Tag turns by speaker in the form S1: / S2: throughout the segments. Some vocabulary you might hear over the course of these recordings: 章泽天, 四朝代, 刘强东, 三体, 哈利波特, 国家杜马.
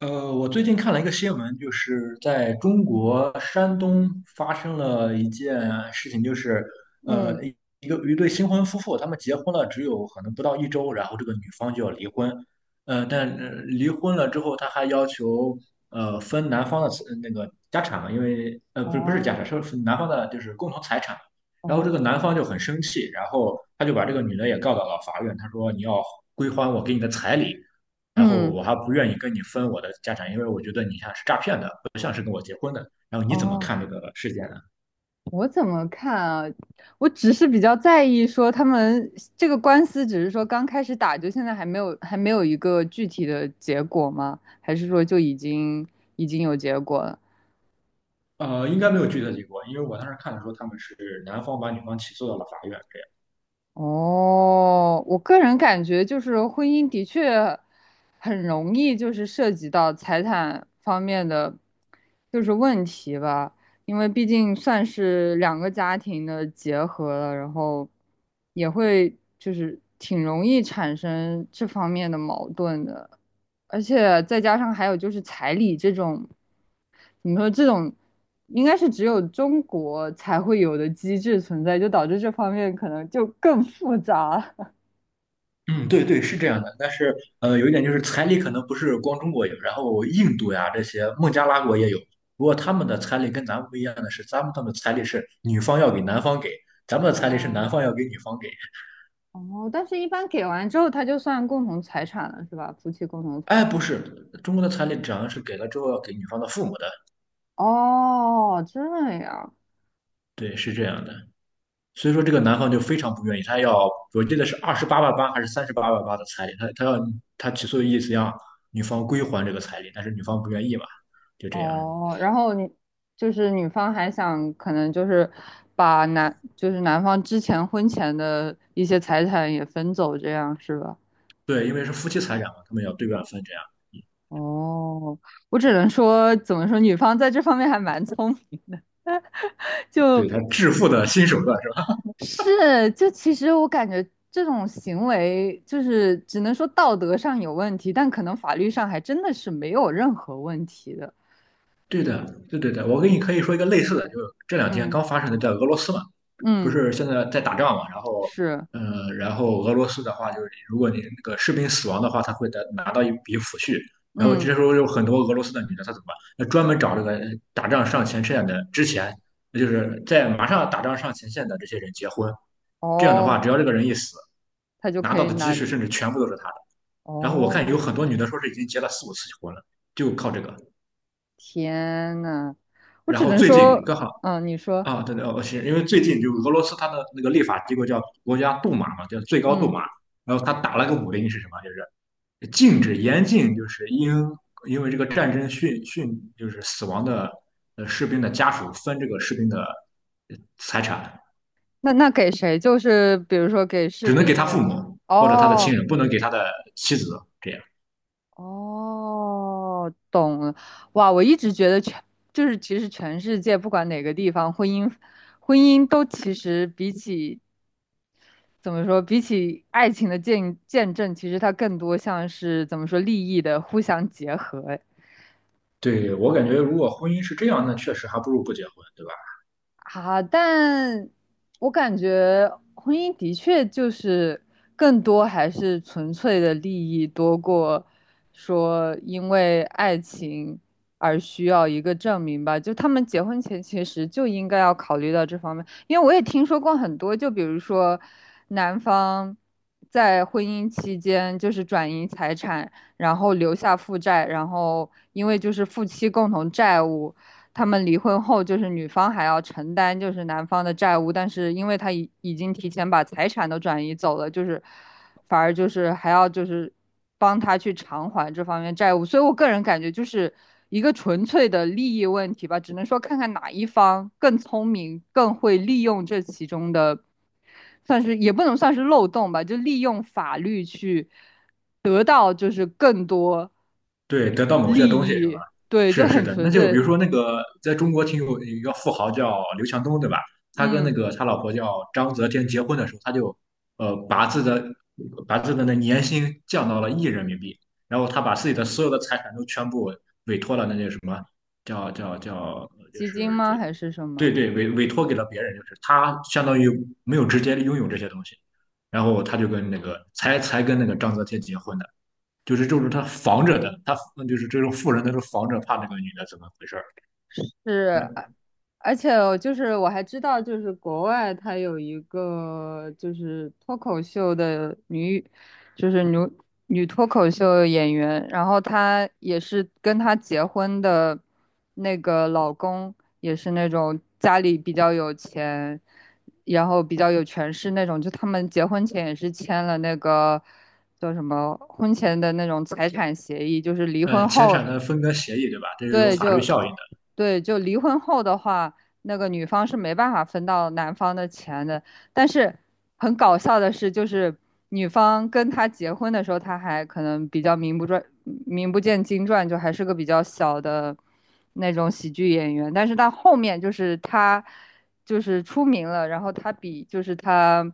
S1: 我最近看了一个新闻，就是在中国山东发生了一件事情，就是
S2: 嗯。
S1: 呃，一一对新婚夫妇，他们结婚了只有可能不到一周，然后这个女方就要离婚，但离婚了之后，他还要求分男方的财那个家产嘛，因为不是家
S2: 哦。
S1: 产，是分男方的就是共同财产。然后
S2: 哦。
S1: 这个男方就很生气，然后他就把这个女的也告到了法院，他说你要归还我给你的彩礼。然后
S2: 嗯。
S1: 我还不愿意跟你分我的家产，因为我觉得你像是诈骗的，不像是跟我结婚的。然后你怎么
S2: 哦，
S1: 看这个事件呢？
S2: 我怎么看啊？我只是比较在意说他们这个官司，只是说刚开始打，就现在还没有一个具体的结果吗？还是说就已经有结果了？
S1: 应该没有具体的结果，因为我当时看的时候，他们是男方把女方起诉到了法院，这样。
S2: 哦，我个人感觉就是婚姻的确很容易就是涉及到财产方面的就是问题吧，因为毕竟算是两个家庭的结合了，然后也会就是挺容易产生这方面的矛盾的。而且再加上还有就是彩礼这种，怎么说这种，应该是只有中国才会有的机制存在，就导致这方面可能就更复杂。
S1: 嗯，对对，是这样的。但是有一点就是彩礼可能不是光中国有，然后印度呀这些孟加拉国也有，不过他们的彩礼跟咱们不一样的是，咱们他们的彩礼是女方要给男方给，咱们的彩礼是
S2: 哦
S1: 男方要给女方给。
S2: 哦，但是一般给完之后，它就算共同财产了，是吧？夫妻共同财
S1: 哎，
S2: 产。
S1: 不是，中国的彩礼只要是给了之后要给女方的父母的，
S2: 哦，这样。
S1: 对，是这样的。所以说这个男方就非常不愿意，他要我记得是28万8还是38万8的彩礼，他要他起诉的意思要女方归还这个彩礼，但是女方不愿意嘛，就这样。
S2: 哦，然后你就是女方还想可能就是就是男方之前婚前的一些财产也分走，这样是吧？
S1: 对，因为是夫妻财产嘛，他们要对半分这样。
S2: 哦，我只能说，怎么说，女方在这方面还蛮聪明的。
S1: 对
S2: 就
S1: 他致富的新手段是吧？
S2: 是就其实我感觉这种行为，就是只能说道德上有问题，但可能法律上还真的是没有任何问题的。
S1: 对的，对对对，我跟你可以说一个类似的，就是这两天
S2: 嗯
S1: 刚发生的，在俄罗斯嘛，不
S2: 嗯。
S1: 是现在在打仗嘛，然后，
S2: 是。
S1: 嗯，然后俄罗斯的话，就是如果你那个士兵死亡的话，他会得拿到一笔抚恤，然后这
S2: 嗯。
S1: 时候有很多俄罗斯的女的，她怎么办？那专门找这个打仗上前线的之前，那就是在马上打仗上前线的这些人结婚，这样的话，
S2: 哦，
S1: 只要这个人一死，
S2: 他就
S1: 拿
S2: 可
S1: 到
S2: 以
S1: 的积
S2: 拿的。
S1: 蓄甚至全部都是他的。然后我看有
S2: 哦，
S1: 很多女的说是已经结了四五次婚了，就靠这个。
S2: 天呐，我
S1: 然
S2: 只
S1: 后
S2: 能
S1: 最近
S2: 说。
S1: 刚好
S2: 嗯，你说。
S1: 啊，对对，哦，是因为最近就俄罗斯它的那个立法机构叫国家杜马嘛，叫最高杜
S2: 嗯，
S1: 马，然后它打了个五零是什么？就是禁止严禁，就是因为这个战争就是死亡的士兵的家属分这个士兵的财产，
S2: 那给谁？就是比如说给士
S1: 只能给
S2: 兵
S1: 他
S2: 的。
S1: 父母或者他的亲
S2: 哦。
S1: 人，不能给他的妻子这样。
S2: 哦，懂了。哇，我一直觉得就是其实全世界不管哪个地方，婚姻都其实比起怎么说，比起爱情的见证，其实它更多像是怎么说利益的互相结合。
S1: 对，我感觉如果婚姻是这样，那确实还不如不结婚，对吧？
S2: 啊，但我感觉婚姻的确就是更多还是纯粹的利益多过说因为爱情而需要一个证明吧。就他们结婚前其实就应该要考虑到这方面，因为我也听说过很多，就比如说男方在婚姻期间就是转移财产，然后留下负债，然后因为就是夫妻共同债务。他们离婚后，就是女方还要承担就是男方的债务，但是因为他已经提前把财产都转移走了，就是反而就是还要就是帮他去偿还这方面债务，所以我个人感觉就是一个纯粹的利益问题吧，只能说看看哪一方更聪明，更会利用这其中的，算是也不能算是漏洞吧，就利用法律去得到就是更多
S1: 对，得到某些
S2: 利
S1: 东西是吧？
S2: 益，对，就
S1: 是是
S2: 很
S1: 的，
S2: 纯
S1: 那就比
S2: 粹。
S1: 如说那个在中国挺有一个富豪叫刘强东，对吧？他跟那
S2: 嗯，
S1: 个他老婆叫章泽天结婚的时候，他就呃把自己的把自己的那年薪降到了1亿人民币，然后他把自己的所有的财产都全部委托了那些什么叫叫叫就
S2: 基金
S1: 是这
S2: 吗？还是什
S1: 对
S2: 么？
S1: 对，委托给了别人，就是他相当于没有直接拥有这些东西，然后他就跟那个跟那个章泽天结婚的。就是这种他防着的，他那就是这种富人，他是防着怕那个女的怎么回事儿。
S2: 是，
S1: 那
S2: 而且我还知道，就是国外它有一个就是脱口秀的女，就是女脱口秀演员，然后她也是跟她结婚的那个老公也是那种家里比较有钱，然后比较有权势那种，就他们结婚前也是签了那个叫什么婚前的那种财产协议，就是离婚
S1: 钱
S2: 后。
S1: 产的分割协议，对吧？这是有
S2: 对，
S1: 法律
S2: 就
S1: 效应的。
S2: 对，就离婚后的话，那个女方是没办法分到男方的钱的。但是很搞笑的是，就是女方跟他结婚的时候，他还可能比较名不见经传，就还是个比较小的那种喜剧演员。但是到后面，就是他就是出名了，然后他比就是他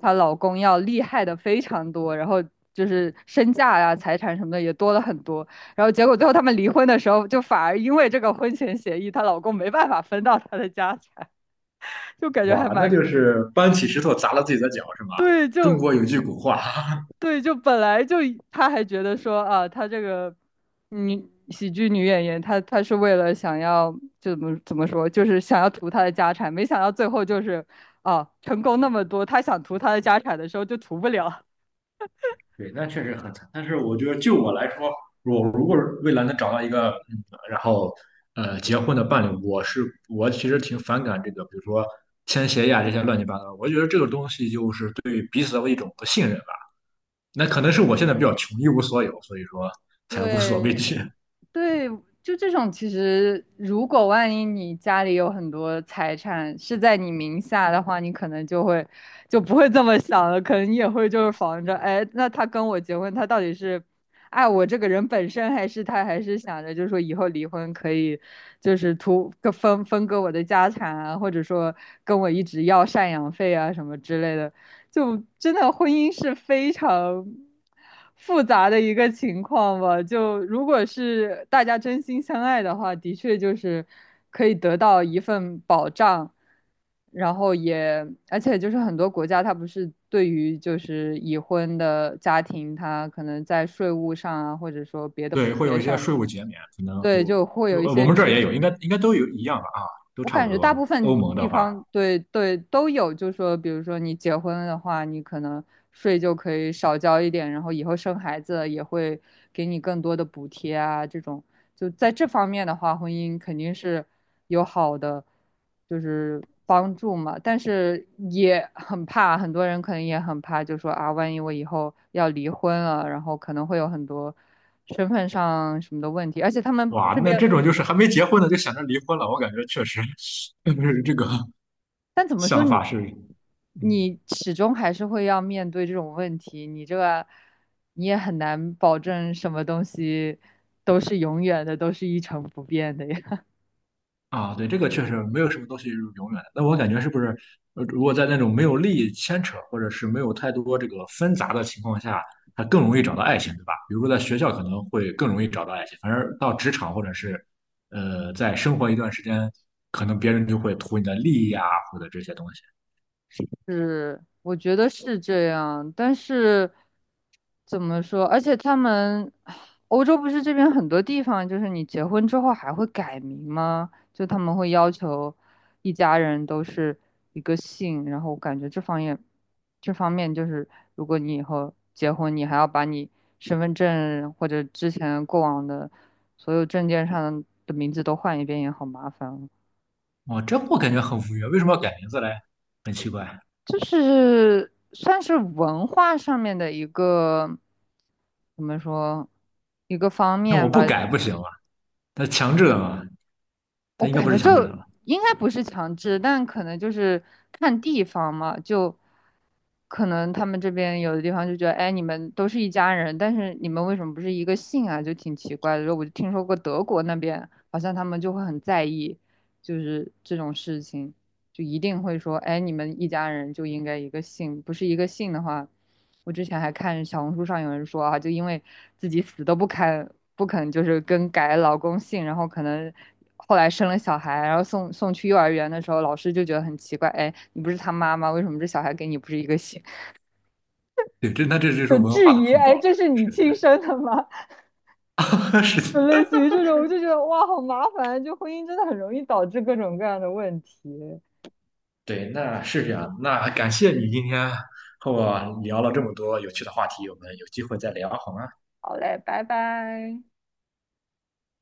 S2: 她老公要厉害的非常多，然后就是身价呀、财产什么的也多了很多。然后结果最后他们离婚的时候，就反而因为这个婚前协议，她老公没办法分到她的家产。就感觉还
S1: 哇，那
S2: 蛮
S1: 就是搬起石头砸了自己的脚，是吗？
S2: 对，
S1: 中
S2: 就
S1: 国有句古话，
S2: 对，就本来就她还觉得说啊，她这个女喜剧女演员，她是为了想要就怎么说，就是想要图她的家产，没想到最后就是啊，成功那么多，她想图她的家产的时候就图不了。
S1: 对，那确实很惨。但是我觉得，就我来说，我如果未来能找到一个，然后结婚的伴侣，我其实挺反感这个，比如说签协议啊这些乱七八糟。我觉得这个东西就是对彼此的一种不信任。那可能是我现在比较穷，一无所有，所以说才无所畏
S2: 对，
S1: 惧。
S2: 对，就这种，其实如果万一你家里有很多财产是在你名下的话，你可能就会就不会这么想了，可能你也会就是防着，哎，那他跟我结婚，他到底是爱我这个人本身，还是他还是想着就是说以后离婚可以就是图个分割我的家产啊，或者说跟我一直要赡养费啊什么之类的，就真的婚姻是非常复杂的一个情况吧。就如果是大家真心相爱的话，的确就是可以得到一份保障，然后也而且就是很多国家它不是对于就是已婚的家庭，它可能在税务上啊，或者说别的
S1: 对，
S2: 补
S1: 会
S2: 贴
S1: 有一些
S2: 上，
S1: 税务减免，可能
S2: 对，
S1: 我
S2: 就会有一
S1: 我我
S2: 些
S1: 们这儿
S2: 支
S1: 也有，应
S2: 持。
S1: 该应该都有一样吧啊，都
S2: 我
S1: 差
S2: 感
S1: 不
S2: 觉
S1: 多。
S2: 大部
S1: 欧
S2: 分
S1: 盟
S2: 地
S1: 的话，
S2: 方对对都有，就说比如说你结婚的话，你可能税就可以少交一点，然后以后生孩子也会给你更多的补贴啊，这种就在这方面的话，婚姻肯定是有好的就是帮助嘛，但是也很怕，很多人可能也很怕，就说啊，万一我以后要离婚了，然后可能会有很多身份上什么的问题，而且他们
S1: 哇，
S2: 这
S1: 那
S2: 边。
S1: 这种就是还没结婚呢就想着离婚了，我感觉确实，不是这个
S2: 但怎么说
S1: 想
S2: 你，
S1: 法是嗯。
S2: 你始终还是会要面对这种问题，你这个你也很难保证什么东西都是永远的，都是一成不变的呀。
S1: 啊，对，这个确实没有什么东西是永远的。那我感觉是不是，如果在那种没有利益牵扯，或者是没有太多这个纷杂的情况下，他更容易找到爱情，对吧？比如说在学校可能会更容易找到爱情，反而到职场或者是，在生活一段时间，可能别人就会图你的利益啊，或者这些东西。
S2: 是，我觉得是这样，但是怎么说？而且他们欧洲不是这边很多地方，就是你结婚之后还会改名吗？就他们会要求一家人都是一个姓，然后我感觉这方面就是，如果你以后结婚，你还要把你身份证或者之前过往的所有证件上的名字都换一遍，也好麻烦。
S1: 哦，这我感觉很无语，为什么要改名字嘞？很奇怪。
S2: 就是算是文化上面的一个，怎么说，一个方
S1: 那我
S2: 面吧。
S1: 不改不行吗？他强制的吗？他
S2: 我
S1: 应该
S2: 感
S1: 不是
S2: 觉
S1: 强制的
S2: 就
S1: 吧？
S2: 应该不是强制，但可能就是看地方嘛，就可能他们这边有的地方就觉得，哎，你们都是一家人，但是你们为什么不是一个姓啊？就挺奇怪的。然后我就听说过德国那边好像他们就会很在意，就是这种事情。就一定会说，哎，你们一家人就应该一个姓，不是一个姓的话，我之前还看小红书上有人说啊，就因为自己死都不肯就是更改老公姓，然后可能后来生了小孩，然后送去幼儿园的时候，老师就觉得很奇怪，哎，你不是他妈妈，为什么这小孩跟你不是一个姓？
S1: 对，这那这就是
S2: 就
S1: 文
S2: 质
S1: 化的
S2: 疑，
S1: 碰
S2: 哎，
S1: 撞了。
S2: 这是你
S1: 是
S2: 亲生的吗？
S1: 的，是
S2: 就
S1: 的。
S2: 类似于这种，我就觉得哇，好麻烦，就婚姻真的很容易导致各种各样的问题。
S1: 对，那是这样。那感谢你今天和我聊了这么多有趣的话题，我们有机会再聊好吗？
S2: 好嘞，拜拜。